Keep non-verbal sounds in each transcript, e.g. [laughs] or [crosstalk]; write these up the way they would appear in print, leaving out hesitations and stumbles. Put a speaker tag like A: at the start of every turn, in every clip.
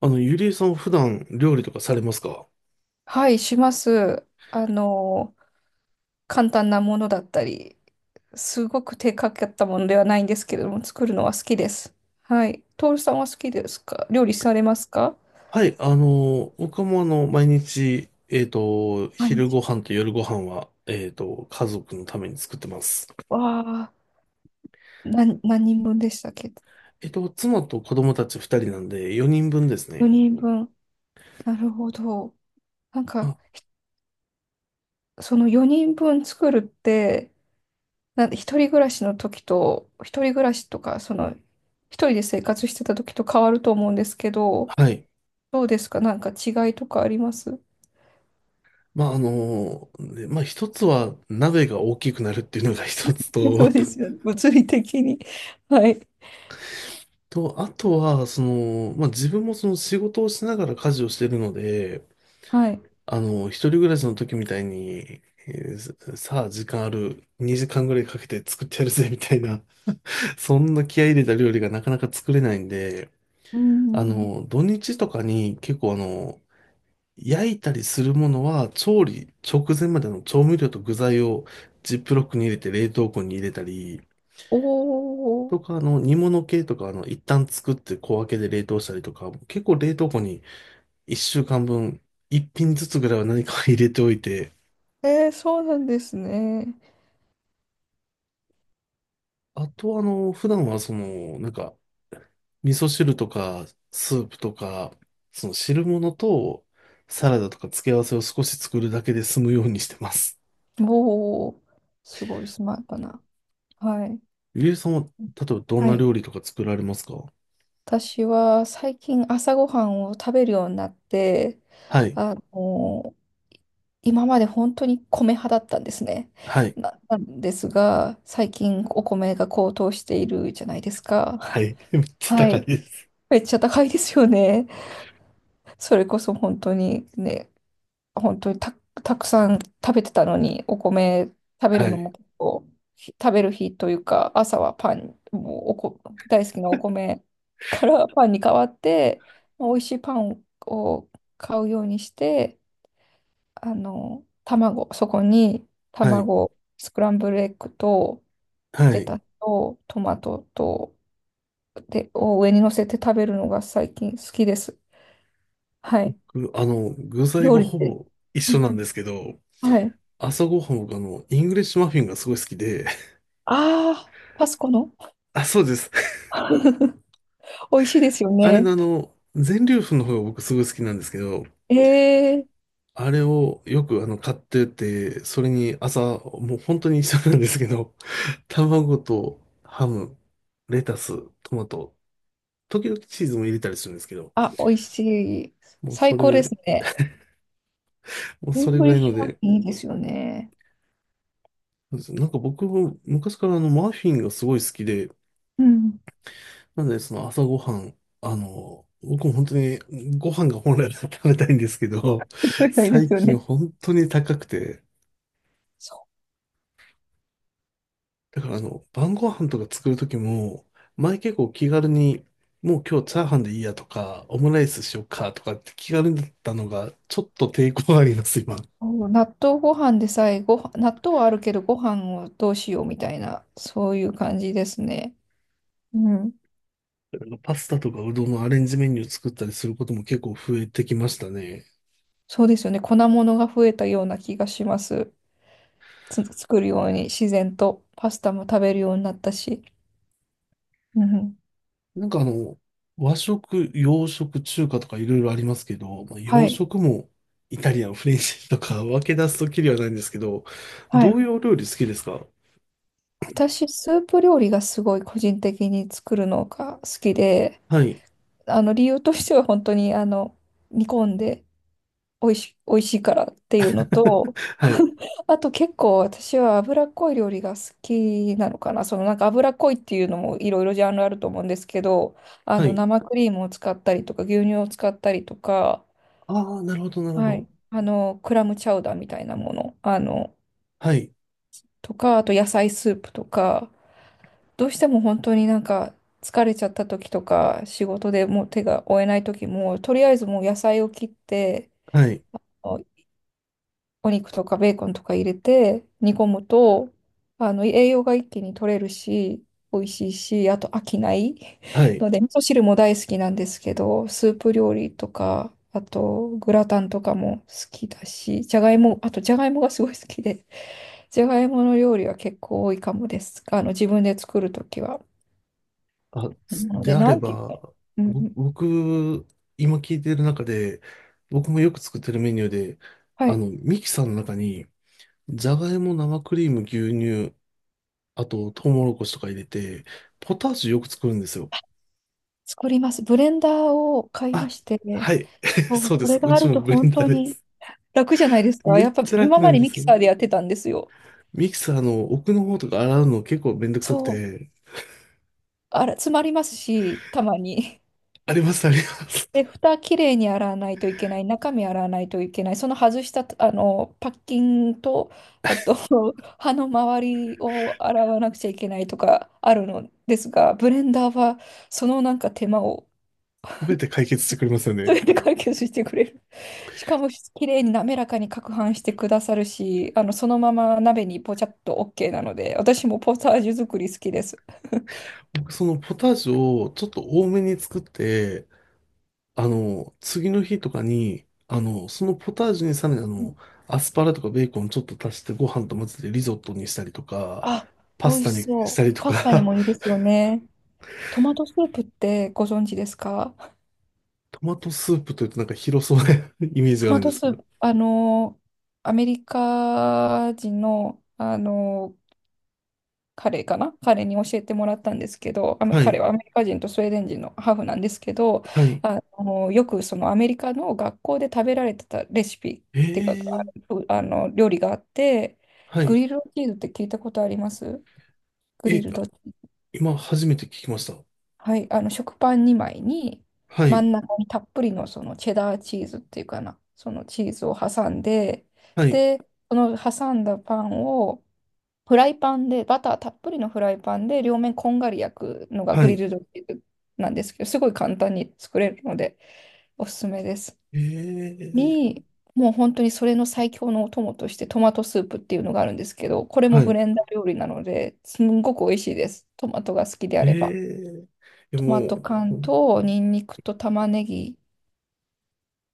A: ゆりえさんは普段料理とかされますか？
B: はい、します。あの、簡単なものだったり、すごく手かかったものではないんですけれども、作るのは好きです。はい。徹さんは好きですか？料理されますか？
A: はい、僕も毎日、
B: 毎
A: 昼
B: 日。
A: ご飯と夜ご飯は、家族のために作ってます。
B: わあ、何人分でしたっけ？
A: 妻と子供たち2人なんで4人分です
B: 4
A: ね。
B: 人分。なるほど。なん
A: あ、
B: か、その4人分作るって、一人暮らしの時と、一人暮らしとか、一人で生活してた時と変わると思うんですけど、
A: はい。
B: どうですか？なんか違いとかあります？
A: まあ、あの、で、まあ、一つは鍋が大きくなるっていうのが [laughs] 一つ
B: そう
A: と、
B: ですよね。物理的に。はい。
A: と、あとは、自分もその仕事をしながら家事をしてるので、
B: はい。
A: 一人暮らしの時みたいに、えーさあ時間ある、2時間ぐらいかけて作ってやるぜみたいな、[laughs] そんな気合い入れた料理がなかなか作れないんで、
B: うん。
A: 土日とかに結構焼いたりするものは調理直前までの調味料と具材をジップロックに入れて冷凍庫に入れたり、
B: お
A: と
B: ー。
A: か、煮物系とか、一旦作って小分けで冷凍したりとか、結構冷凍庫に1週間分、1品ずつぐらいは何か入れておいて、
B: そうなんですね。
A: あと、普段はその、味噌汁とか、スープとか、その汁物と、サラダとか付け合わせを少し作るだけで済むようにしてます。
B: おー。すごいスマートな。はい。
A: ゆりえさんは、例えばどん
B: は
A: な
B: い。
A: 料理とか作られますか？
B: 私は最近朝ごはんを食べるようになって、
A: はい。
B: あの、今まで本当に米派だったんですね。
A: はい。
B: なんですが、最近お米が高騰しているじゃないです
A: は
B: か。
A: い。[laughs] めっちゃ
B: は
A: 高い
B: い。
A: です。
B: めっちゃ高いですよね。それこそ本当にね、本当にたくさん食べてたのに、お米食べ
A: は
B: るの
A: い。
B: も結構、食べる日というか、朝はパン、もうおこ、大好きなお米からパンに変わって、まあ美味しいパンを買うようにして、卵、そこに
A: はい。
B: 卵、スクランブルエッグと、
A: は
B: レ
A: い。
B: タスと、トマトと、で、を上に乗せて食べるのが最近好きです。はい。
A: ぐあの、具材
B: 料
A: が
B: 理っ
A: ほ
B: て。
A: ぼ一
B: う
A: 緒
B: ん
A: な
B: う
A: んで
B: ん、
A: すけど、
B: はい。
A: 朝ごはん僕イングリッシュマフィンがすごい好きで、
B: ああ、パスコの、
A: [laughs] あ、そうです。
B: 美味しいですよ
A: あれ
B: ね。
A: の全粒粉の方が僕すごい好きなんですけど、
B: ええ
A: あれをよく買ってて、それに朝、もう本当に一緒なんですけど、[laughs] 卵とハム、レタス、トマト、時々チーズも入れたりするんですけど、
B: 美味しい。
A: もうそ
B: 最高です
A: れ、
B: ね。
A: もう
B: イ
A: そ
B: ン
A: れ
B: グ
A: ぐ
B: リ
A: ら
B: ッ
A: い
B: シ
A: の
B: ュマフ
A: で、
B: ィンいいですよね。
A: なんか僕も昔からマフィンがすごい好きで、
B: うん。
A: なのでその朝ごはん、僕も本当にご飯が本来は食べたいんですけど、
B: そうで
A: 最
B: すよ
A: 近
B: ね。
A: 本当に高くて、
B: そ
A: だから晩ご飯とか作るときも、前結構気軽に、もう今日チャーハンでいいやとか、オムライスしようかとかって気軽だったのが、ちょっと抵抗があります、今。だ
B: う、納豆ご飯でさえご飯、納豆はあるけどご飯をどうしようみたいな、そういう感じですね。うん。
A: からパスタとかうどんのアレンジメニュー作ったりすることも結構増えてきましたね。
B: そうですよね。粉物が増えたような気がします。作るように自然とパスタも食べるようになったし。うん。
A: なんかあの、和食、洋食、中華とかいろいろありますけど、
B: は
A: 洋
B: い。
A: 食もイタリアン、フレンチとか分け出すときりはないんですけど、
B: は
A: ど
B: い。
A: ういうお料理好きですか？
B: 私、スープ料理がすごい個人的に作るのが好きで、
A: はい、
B: あの理由としては本当に煮込んで、美味しいからっていうのと、
A: [laughs] はい、
B: [laughs] あと結構私は脂っこい料理が好きなのかな。そのなんか脂っこいっていうのもいろいろジャンルあると思うんですけど、
A: はい。
B: 生クリームを使ったりとか牛乳を使ったりとか、
A: ああ、なるほど、なるほ
B: はい、
A: ど。
B: クラムチャウダーみたいなもの、
A: はい、
B: とか、あと野菜スープとか、どうしても本当になんか疲れちゃった時とか、仕事でもう手が負えない時も、とりあえずもう野菜を切って、
A: はい、
B: おお肉とかベーコンとか入れて煮込むと、栄養が一気に取れるし、美味しいし、あと飽きない
A: は
B: [laughs]
A: い。
B: ので、味噌汁も大好きなんですけど、スープ料理とか、あとグラタンとかも好きだし、じゃがいも、あとじゃがいもがすごい好きで、じゃがいもの料理は結構多いかもです、自分で作る時は。
A: あ、
B: な
A: す
B: の
A: で
B: で、
A: あ
B: な
A: れ
B: んて言っ
A: ば、
B: たら、うんう
A: ぼ
B: ん、
A: 僕、今聞いてる中で、僕もよく作ってるメニューで、
B: はい、
A: ミキサーの中に、じゃがいも、生クリーム、牛乳、あと、トウモロコシとか入れて、ポタージュよく作るんですよ。
B: 作ります。ブレンダーを買いま
A: あ、
B: して、
A: はい。
B: そ
A: [laughs]
B: う、
A: そうで
B: これ
A: す。う
B: があ
A: ち
B: る
A: も
B: と
A: ブレン
B: 本
A: ダ
B: 当
A: ーで
B: に
A: す。
B: 楽じゃないですか。
A: め
B: やっ
A: っ
B: ぱ
A: ちゃ
B: 今
A: 楽な
B: ま
A: ん
B: で
A: で
B: ミ
A: す
B: キ
A: よ
B: サ
A: ね。
B: ーでやってたんですよ。
A: ミキサーの奥の方とか洗うの結構めんどくさく
B: そう、
A: て、
B: あら、詰まりますし、たまに。[laughs]
A: あります。
B: で、
A: [laughs]
B: 蓋きれいに洗わないといけない、中身洗わないといけない、その外したパッキンと、あと [laughs] 歯の周りを洗わなくちゃいけないとかあるのですが、ブレンダーはそのなんか手間を、
A: 全て解決してくれますよ
B: そ
A: ね。
B: れで解決してくれる。[laughs] しかも、綺麗に滑らかに攪拌してくださるし、そのまま鍋にポチャッと OK なので、私もポタージュ作り好きです。
A: 僕そのポタージュをちょっと多めに作って、次の日とかに、そのポタージュにさらに
B: うん
A: アスパラとかベーコンちょっと足してご飯と混ぜてリゾットにしたりとか、
B: あ、
A: パ
B: 美
A: ス
B: 味
A: タ
B: し
A: にした
B: そ
A: り
B: う。
A: と
B: パスタに
A: か、
B: もいいですよね。トマトスープってご存知ですか？
A: [laughs] トマトスープというとなんか広そうな [laughs] イメージ
B: ト
A: がある
B: マ
A: んで
B: ト
A: す
B: ス
A: け
B: ー
A: ど。
B: プ、アメリカ人の、彼かな彼に教えてもらったんですけど、
A: は
B: 彼
A: い。
B: はアメリカ人とスウェーデン人のハーフなんですけど、
A: はい。
B: よくそのアメリカの学校で食べられてたレシピっ
A: え
B: ていうか、
A: ー、
B: あの料理があって、
A: は
B: グ
A: い。
B: リルドチーズって聞いたことあります？グリ
A: え、
B: ルドチーズ。
A: 今初めて聞きました。
B: はい、食パン2枚に、
A: は
B: 真
A: い。
B: ん中にたっぷりのそのチェダーチーズっていうかな、そのチーズを挟んで、
A: はい。
B: で、その挟んだパンを、フライパンで、バターたっぷりのフライパンで両面こんがり焼くのが
A: は
B: グリ
A: い。
B: ルドビーフなんですけど、すごい簡単に作れるので、おすすめです。
A: えー、
B: に、もう本当にそれの最強のお供としてトマトスープっていうのがあるんですけど、これも
A: は
B: ブ
A: い。
B: レンダー料理なので、すんごく美味しいです。トマトが好きで
A: え
B: あれば。
A: ー、いや
B: トマト
A: も
B: 缶
A: う、
B: とニンニクと玉ねぎ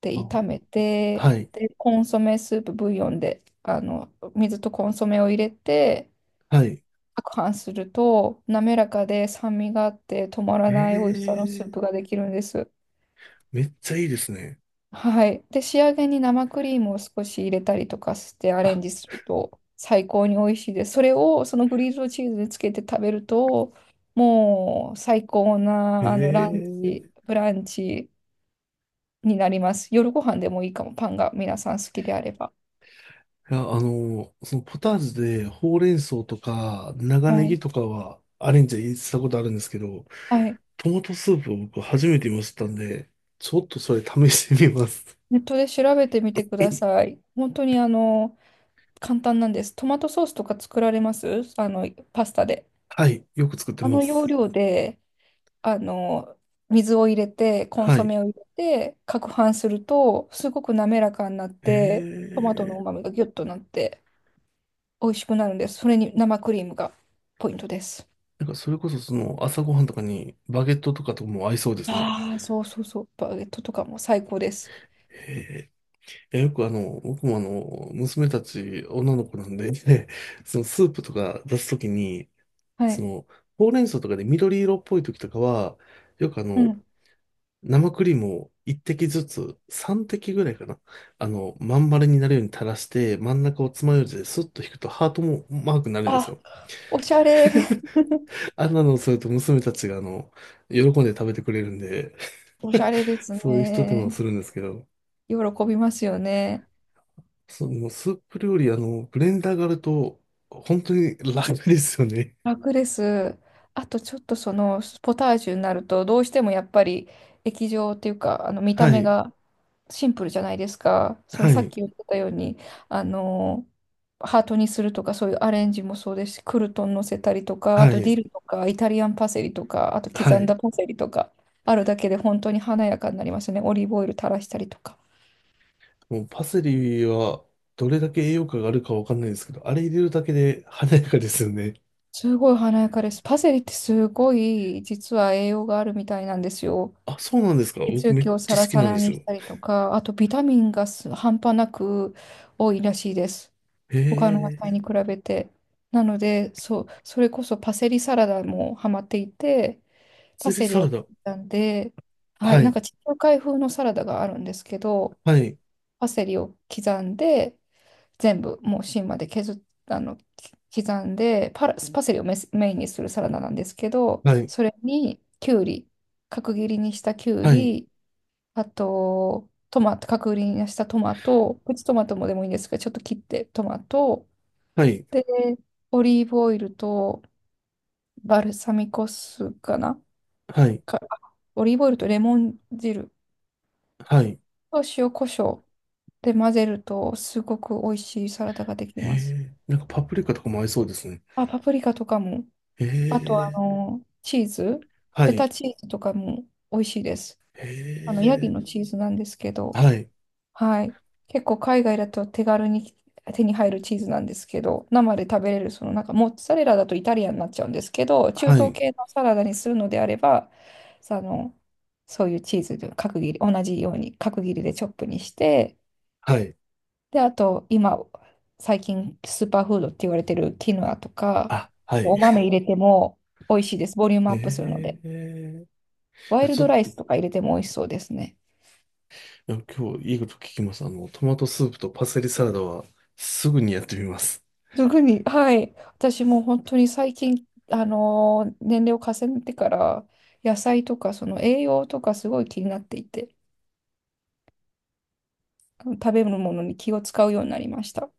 B: で
A: あ、
B: 炒めて、
A: はい。
B: で、コンソメスープブイヨンで、水とコンソメを入れて、
A: はい。
B: 攪拌すると、滑らかで酸味があって止まらない美味しさ
A: え
B: のスー
A: え、
B: プができるんです。
A: めっちゃいいですね。
B: はい。で、仕上げに生クリームを少し入れたりとかしてアレン
A: あ、
B: ジすると最高に美味しいです。それをそのグリルドチーズにつけて食べると、もう最高なラン
A: ええ、
B: チ、ブランチになります。夜ご飯でもいいかも、パンが皆さん好きであれば。
A: いや、そのポタージュでほうれん草とか長
B: は
A: ネギ
B: い。
A: とかはアレンジしたことあるんですけど、
B: はい。
A: トマトスープを僕初めて見ましたんで、ちょっとそれ試してみます。
B: ネットで調べてみてください。本当に簡単なんです。トマトソースとか作られますパスタで。
A: [laughs] はい、よく作って
B: あ
A: ま
B: の要
A: す。
B: 領で、あの、水を入れて、コン
A: は
B: ソ
A: い。
B: メを入れて、攪拌すると、すごく滑らかになって、
A: え
B: トマトの
A: え、
B: 旨味がギュッとなって、美味しくなるんです。それに生クリームがポイントです。
A: なんかそれこそその朝ごはんとかにバゲットとかとも合いそうですね。
B: ああ、そうそうそう。バゲットとかも最高です。
A: へえ、えよく僕も娘たち、女の子なんで、[laughs] そのスープとか出すときに、
B: は
A: そ
B: い。
A: の、ほうれん草とかで緑色っぽいときとかは、よく
B: うん。
A: 生クリームを一滴ずつ、三滴ぐらいかな。まん丸になるように垂らして、真ん中を爪楊枝でスッと引くとハートもマークになるんです
B: あ、
A: よ。
B: おしゃれ。[laughs]
A: [laughs] あんなのをすると娘たちが喜んで食べてくれるんで
B: おし
A: [laughs]
B: ゃれです
A: そういう一手間を
B: ね。
A: するんですけど。
B: 喜びますよね。
A: そのスープ料理、ブレンダーがあると、本当に楽ですよね。
B: 楽です。あとちょっと、そのポタージュになるとどうしてもやっぱり液状っていうか、見
A: は
B: た目
A: い、
B: がシンプルじゃないですか。その
A: は
B: さっ
A: い、
B: き言ってたように、あのハートにするとか、そういうアレンジもそうですし、クルトン乗せたりとか、あ
A: は
B: とデ
A: い、
B: ィルとかイタリアンパセリとか、あと
A: は
B: 刻ん
A: い。
B: だパセリとかあるだけで本当に華やかになりますね。オリーブオイル垂らしたりとか。
A: もうパセリは、どれだけ栄養価があるかわかんないですけど、あれ入れるだけで華やかですよね。
B: すごい華やかです。パセリってすごい実は栄養があるみたいなんですよ。
A: あ、そうなんですか。
B: 血
A: 僕め
B: 液
A: っ
B: を
A: ち
B: サ
A: ゃ
B: ラ
A: 好き
B: サ
A: なん
B: ラ
A: です
B: にし
A: よ。
B: たりとか、あとビタミンが半端なく多いらしいです。
A: へ
B: 他の野菜
A: え、
B: に比
A: パ
B: べて。なので、そう、それこそパセリサラダもハマっていて、パ
A: セリ
B: セリ
A: サ
B: を
A: ラ
B: 切
A: ダ。
B: ったんで、は
A: は
B: い、なん
A: い、
B: か地中海風のサラダがあるんですけど、
A: はい、
B: パセリを刻んで、全部もう芯まで削っあの、刻んで、パセリをメインにするサラダなんですけど、
A: はい、
B: それにきゅうり、角切りにしたきゅう
A: はい、
B: り、あと、トマト、角切りにしたトマト、プチトマトもでもいいんですけど、ちょっと切ってトマト、
A: はい、
B: で、オリーブオイルと、バルサミコ酢かな、
A: はい、
B: か、オリーブオイルとレモン汁
A: はい。
B: と塩コショウで混ぜると、すごく美味しいサラダができ
A: へ
B: ます。
A: え、なんかパプリカとかも合いそうですね。
B: あ、パプリカとかも、
A: へ
B: あと、
A: え、
B: チーズ、
A: は
B: フェ
A: い、
B: タチーズとかも美味しいです。
A: へ
B: ヤギの
A: え、
B: チーズなんですけど、
A: はい、
B: はい。結構海外だと手軽に手に入るチーズなんですけど、生で食べれる、そのなんかモッツァレラだとイタリアンになっちゃうんですけど、中
A: は
B: 東
A: い、
B: 系のサラダにするのであれば、さあの、そういうチーズで角切り、同じように角切りでチョップにして、
A: はい。
B: で、あと今、最近スーパーフードって言われてるキヌアとか、
A: あ、は
B: お
A: い。
B: 豆
A: [laughs]
B: 入れても美味しいです。ボリュームアップするの
A: え
B: で。
A: え、
B: ワイル
A: ちょ
B: ド
A: っと、
B: ライスとか入れても美味しそうですね。
A: いや今日いいこと聞きます。トマトスープとパセリサラダはすぐにやってみます。
B: すぐに、はい。私も本当に最近、年齢を重ねてから、野菜とか、その栄養とかすごい気になっていて、食べ物に気を使うようになりました。